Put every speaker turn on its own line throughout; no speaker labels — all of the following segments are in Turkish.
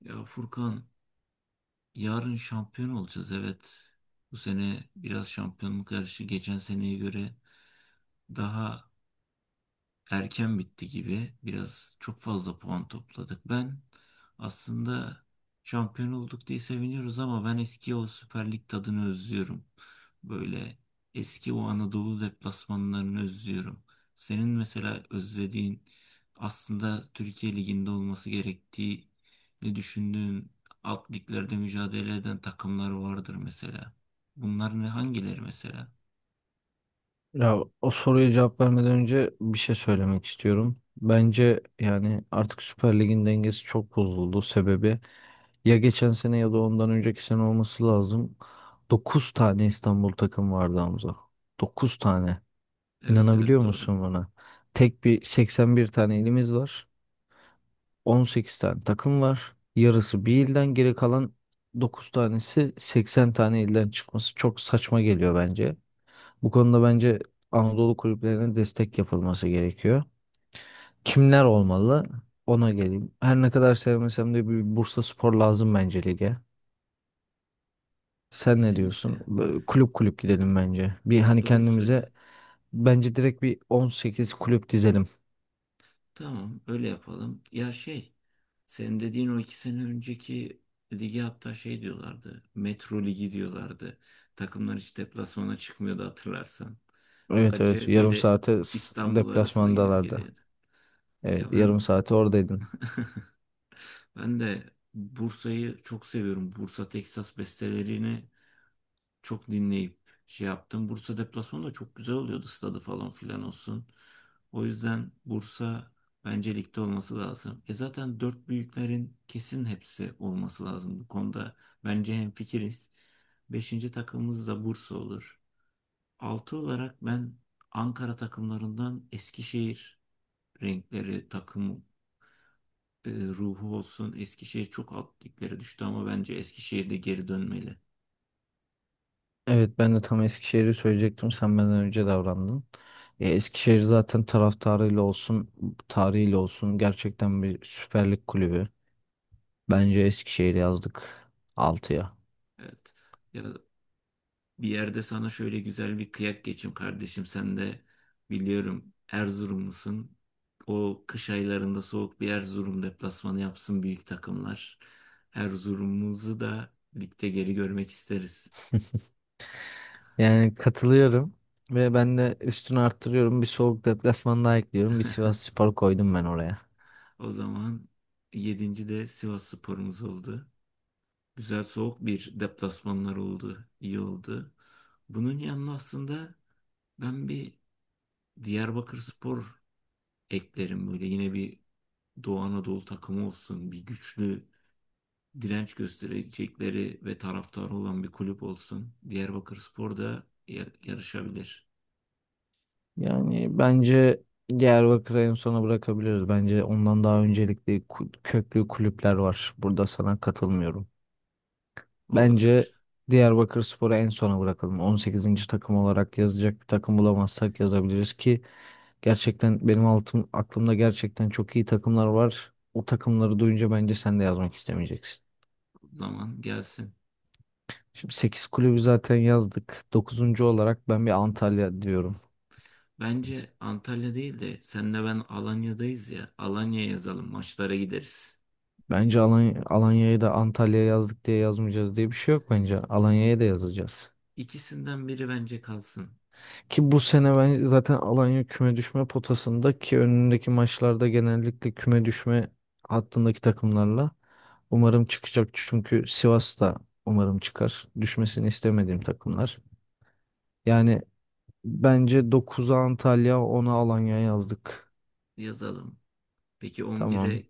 Ya Furkan, yarın şampiyon olacağız, evet. Bu sene biraz şampiyonluk yarışı geçen seneye göre daha erken bitti gibi. Biraz çok fazla puan topladık. Ben aslında şampiyon olduk diye seviniyoruz ama ben eski o Süper Lig tadını özlüyorum. Böyle eski o Anadolu deplasmanlarını özlüyorum. Senin mesela özlediğin, aslında Türkiye Ligi'nde olması gerektiği ne düşündüğün, alt liglerde mücadele eden takımlar vardır mesela. Bunlar ne, hangileri mesela?
Ya o soruya cevap vermeden önce bir şey söylemek istiyorum. Bence yani artık Süper Lig'in dengesi çok bozuldu. Sebebi ya geçen sene ya da ondan önceki sene olması lazım. 9 tane İstanbul takım vardı, Hamza. 9 tane.
Evet evet,
İnanabiliyor
doğru.
musun buna? Tek bir 81 tane ilimiz var. 18 tane takım var. Yarısı bir ilden, geri kalan 9 tanesi 80 tane ilden çıkması çok saçma geliyor bence. Bu konuda bence Anadolu kulüplerine destek yapılması gerekiyor. Kimler olmalı? Ona geleyim. Her ne kadar sevmesem de bir Bursa Spor lazım bence lige. Sen ne diyorsun?
Kesinlikle.
Böyle kulüp kulüp gidelim bence. Bir hani
Doğru söyle.
kendimize bence direkt bir 18 kulüp dizelim.
Tamam, öyle yapalım. Ya senin dediğin o iki sene önceki ligi, hatta şey diyorlardı. Metro Ligi diyorlardı. Takımlar hiç deplasmana çıkmıyordu hatırlarsan.
Evet evet,
Sadece
yarım
böyle
saate
İstanbul arasında gidip
deplasmandalardı.
geliyordu. Ya
Evet,
ben
yarım saate oradaydın.
ben de Bursa'yı çok seviyorum. Bursa Teksas bestelerini çok dinleyip şey yaptım. Bursa deplasmanı da çok güzel oluyordu, stadı falan filan olsun. O yüzden Bursa bence ligde olması lazım. E zaten dört büyüklerin kesin hepsi olması lazım. Bu konuda bence hemfikiriz. Beşinci takımımız da Bursa olur. Altı olarak ben Ankara takımlarından Eskişehir renkleri, takım ruhu olsun. Eskişehir çok alt liglere düştü ama bence Eskişehir de geri dönmeli.
Evet, ben de tam Eskişehir'i söyleyecektim. Sen benden önce davrandın. Eskişehir zaten taraftarıyla olsun, tarihiyle olsun gerçekten bir Süper Lig kulübü. Bence Eskişehir'i yazdık altıya.
Evet. Ya, bir yerde sana şöyle güzel bir kıyak geçeyim kardeşim. Sen de biliyorum Erzurumlusun. O kış aylarında soğuk bir Erzurum deplasmanı yapsın büyük takımlar. Erzurum'umuzu da ligde geri görmek isteriz.
Yani katılıyorum ve ben de üstünü arttırıyorum. Bir soğuk deplasman daha ekliyorum. Bir Sivasspor koydum ben oraya.
O zaman yedinci de Sivas sporumuz oldu. Güzel soğuk bir deplasmanlar oldu. İyi oldu. Bunun yanına aslında ben bir Diyarbakır Spor eklerim, böyle yine bir Doğu Anadolu takımı olsun, bir güçlü direnç gösterecekleri ve taraftarı olan bir kulüp olsun. Diyarbakırspor da yarışabilir.
Yani bence Diyarbakır'ı en sona bırakabiliriz. Bence ondan daha öncelikli köklü kulüpler var. Burada sana katılmıyorum.
Olabilir.
Bence Diyarbakırspor'u en sona bırakalım. On sekizinci takım olarak yazacak bir takım bulamazsak yazabiliriz, ki gerçekten benim altım, aklımda gerçekten çok iyi takımlar var. O takımları duyunca bence sen de yazmak istemeyeceksin.
Zaman gelsin.
Şimdi 8 kulübü zaten yazdık. Dokuzuncu olarak ben bir Antalya diyorum.
Bence Antalya değil de senle ben Alanya'dayız ya. Alanya yazalım, maçlara gideriz.
Bence Alanya'yı da Antalya'ya yazdık diye yazmayacağız diye bir şey yok bence. Alanya'ya da yazacağız.
İkisinden biri bence kalsın.
Ki bu sene ben zaten Alanya küme düşme potasında, ki önündeki maçlarda genellikle küme düşme hattındaki takımlarla umarım çıkacak. Çünkü Sivas da umarım çıkar. Düşmesini istemediğim takımlar. Yani bence dokuza Antalya, ona Alanya yazdık.
Yazalım. Peki
Tamam.
11'e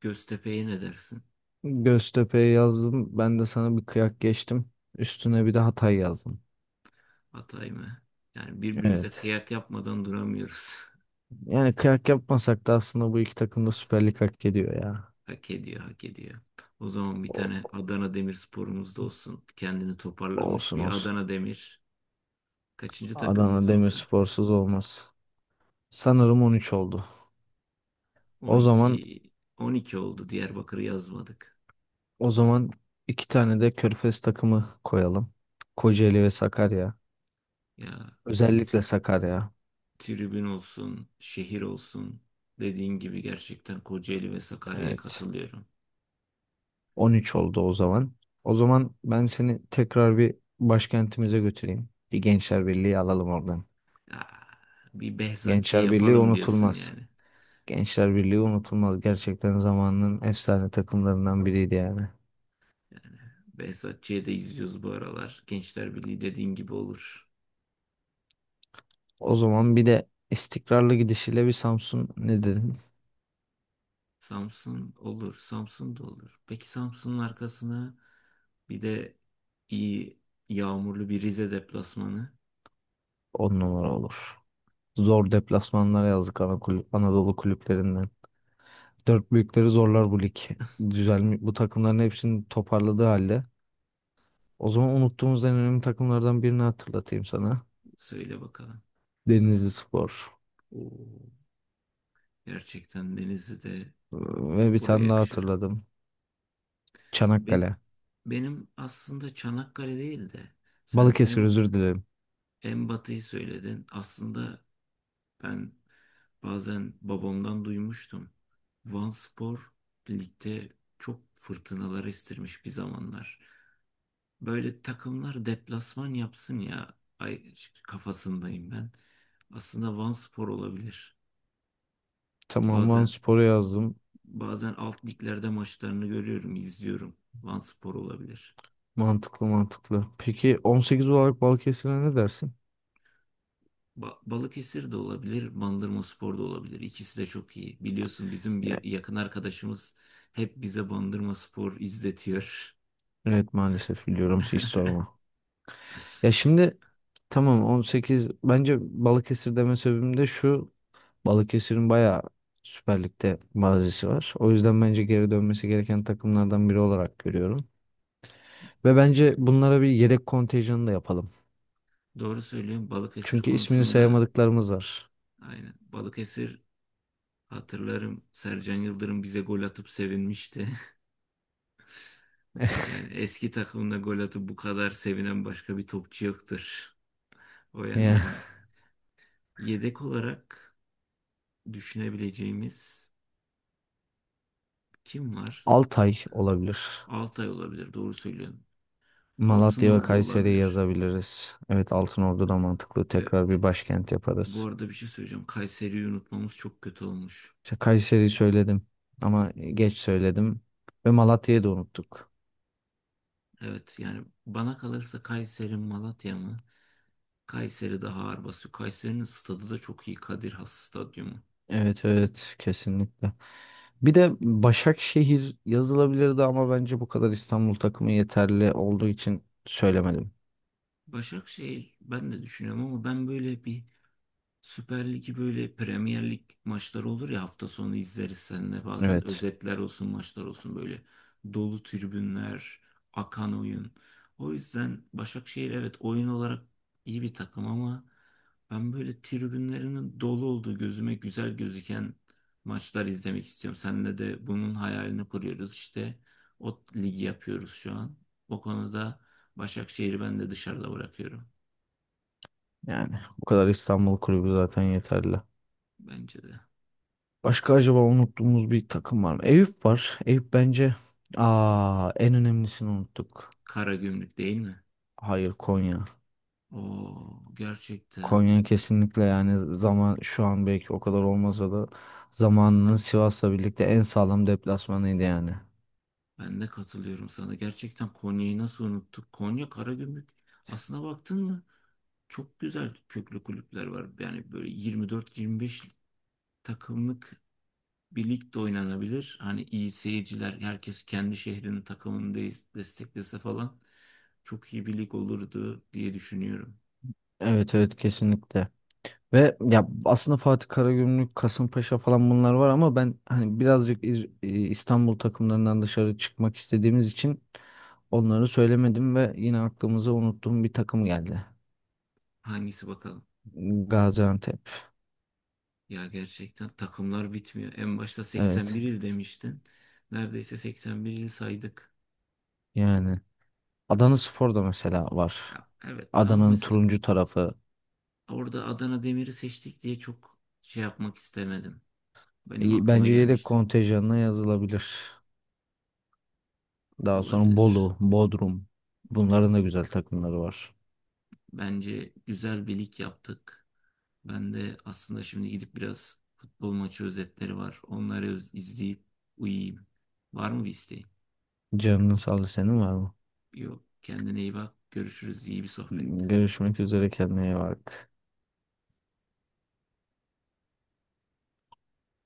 Göztepe'ye ne dersin?
Göztepe'ye yazdım. Ben de sana bir kıyak geçtim. Üstüne bir de Hatay yazdım.
Atay mı? Yani birbirimize
Evet.
kıyak yapmadan duramıyoruz.
Yani kıyak yapmasak da aslında bu iki takım da Süper Lig hak ediyor ya.
Hak ediyor, hak ediyor. O zaman bir
O-
tane Adana Demirspor'umuz da olsun. Kendini toparlamış
olsun
bir
olsun.
Adana Demir. Kaçıncı
Adana
takımımız oldu?
Demirspor'suz olmaz. Sanırım 13 oldu. O zaman
12. 12 oldu. Diyarbakır'ı yazmadık.
o zaman iki tane de Körfez takımı koyalım. Kocaeli ve Sakarya.
Ya,
Özellikle Sakarya.
tribün olsun, şehir olsun. Dediğin gibi, gerçekten Kocaeli ve Sakarya'ya
Evet.
katılıyorum.
13 oldu o zaman. O zaman ben seni tekrar bir başkentimize götüreyim. Bir Gençler Birliği alalım oradan.
Ya, bir Behzatçı'ya
Gençler Birliği
yapalım diyorsun
unutulmaz.
yani.
Gençler Birliği unutulmaz. Gerçekten zamanının efsane takımlarından biriydi yani.
Yani Behzatçı'ya da izliyoruz bu aralar. Gençler Birliği dediğin gibi olur.
O zaman bir de istikrarlı gidişiyle bir Samsun, ne dedin?
Samsun olur. Samsun da olur. Peki Samsun'un arkasına bir de iyi yağmurlu bir Rize deplasmanı,
On numara olur. Zor deplasmanlar yazdık ana kulüp, Anadolu kulüplerinden. Dört büyükleri zorlar bu lig. Düzelmiş, bu takımların hepsini toparladığı halde. O zaman unuttuğumuz en önemli takımlardan birini hatırlatayım sana.
söyle bakalım.
Denizlispor.
Oo. Gerçekten Denizli de
Ee, Ve bir
buraya
tane daha
yakışır.
hatırladım.
Ben,
Çanakkale.
benim aslında Çanakkale değil de sen
Balıkesir,
en,
özür dilerim.
en batıyı söyledin. Aslında ben bazen babamdan duymuştum. Van spor ligde çok fırtınalar estirmiş bir zamanlar. Böyle takımlar deplasman yapsın ya. Ay, kafasındayım ben. Aslında Vanspor olabilir.
Tamam, Van
Bazen
Spor'u yazdım.
bazen alt liglerde maçlarını görüyorum, izliyorum. Vanspor olabilir.
Mantıklı mantıklı. Peki 18 olarak Balıkesir'e ne dersin?
Balıkesir de olabilir, Bandırmaspor da olabilir. İkisi de çok iyi. Biliyorsun bizim
Ya,
bir yakın arkadaşımız hep bize Bandırmaspor izletiyor.
evet, maalesef biliyorum, hiç sorma. Ya şimdi tamam, on sekiz. Bence Balıkesir deme sebebim de şu: Balıkesir'in bayağı Süper Lig'de mazisi var. O yüzden bence geri dönmesi gereken takımlardan biri olarak görüyorum. Ve bence bunlara bir yedek kontenjanı da yapalım.
Doğru söylüyorum Balıkesir
Çünkü ismini
konusunda.
sayamadıklarımız var.
Aynen. Balıkesir, hatırlarım, Sercan Yıldırım bize gol atıp sevinmişti. Yani eski takımında gol atıp bu kadar sevinen başka bir topçu yoktur. O
Yani
yönden yedek olarak düşünebileceğimiz kim var?
Altay olabilir.
Altay olabilir, doğru söylüyorsun.
Malatya ve
Altınordu
Kayseri'yi
olabilir.
yazabiliriz. Evet, Altınordu da mantıklı. Tekrar
E,
bir başkent
bu
yaparız.
arada bir şey söyleyeceğim. Kayseri'yi unutmamız çok kötü olmuş.
İşte Kayseri'yi söyledim ama geç söyledim. Ve Malatya'yı da unuttuk.
Evet yani bana kalırsa Kayseri Malatya mı? Kayseri daha ağır basıyor. Kayseri'nin stadı da çok iyi. Kadir Has Stadyumu.
Evet evet, kesinlikle. Bir de Başakşehir yazılabilirdi ama bence bu kadar İstanbul takımı yeterli olduğu için söylemedim.
Başakşehir ben de düşünüyorum ama ben böyle bir Süper Lig'i, böyle Premier Lig maçları olur ya hafta sonu, izleriz seninle bazen,
Evet,
özetler olsun, maçlar olsun, böyle dolu tribünler, akan oyun. O yüzden Başakşehir, evet, oyun olarak iyi bir takım ama ben böyle tribünlerinin dolu olduğu, gözüme güzel gözüken maçlar izlemek istiyorum. Seninle de bunun hayalini kuruyoruz işte, o ligi yapıyoruz şu an. O konuda Başakşehir'i ben de dışarıda bırakıyorum,
yani bu kadar İstanbul kulübü zaten yeterli.
bence de.
Başka acaba unuttuğumuz bir takım var mı? Eyüp var. Eyüp bence, aa, en önemlisini unuttuk.
Karagümrük değil mi?
Hayır, Konya.
Oo, gerçekten.
Konya kesinlikle, yani zaman şu an belki o kadar olmasa da zamanının Sivas'la birlikte en sağlam deplasmanıydı yani.
Ben de katılıyorum sana. Gerçekten Konya'yı nasıl unuttuk? Konya, Karagümrük. Aslına baktın mı? Çok güzel köklü kulüpler var. Yani böyle 24-25 takımlık bir lig de oynanabilir. Hani iyi seyirciler, herkes kendi şehrinin takımını desteklese falan, çok iyi bir lig olurdu diye düşünüyorum.
Evet evet, kesinlikle. Ve ya aslında Fatih Karagümrük, Kasımpaşa falan bunlar var ama ben hani birazcık İstanbul takımlarından dışarı çıkmak istediğimiz için onları söylemedim ve yine aklımıza unuttuğum bir takım geldi.
Hangisi bakalım?
Gaziantep.
Ya gerçekten takımlar bitmiyor. En başta 81
Evet.
il demiştin. Neredeyse 81 il saydık.
Yani Adanaspor da mesela var.
Ya, evet ama
Adana'nın
mesela
turuncu tarafı.
orada Adana Demir'i seçtik diye çok şey yapmak istemedim. Benim aklıma
Bence yedek
gelmişti.
kontenjanına yazılabilir. Daha sonra
Olabilir.
Bolu, Bodrum. Bunların da güzel takımları var.
Bence güzel bir lig yaptık. Ben de aslında şimdi gidip biraz futbol maçı özetleri var. Onları izleyip uyuyayım. Var mı bir isteğin?
Canının sağlığı, senin var mı?
Yok. Kendine iyi bak. Görüşürüz. İyi bir sohbetti.
Görüşmek üzere, kendine iyi bak.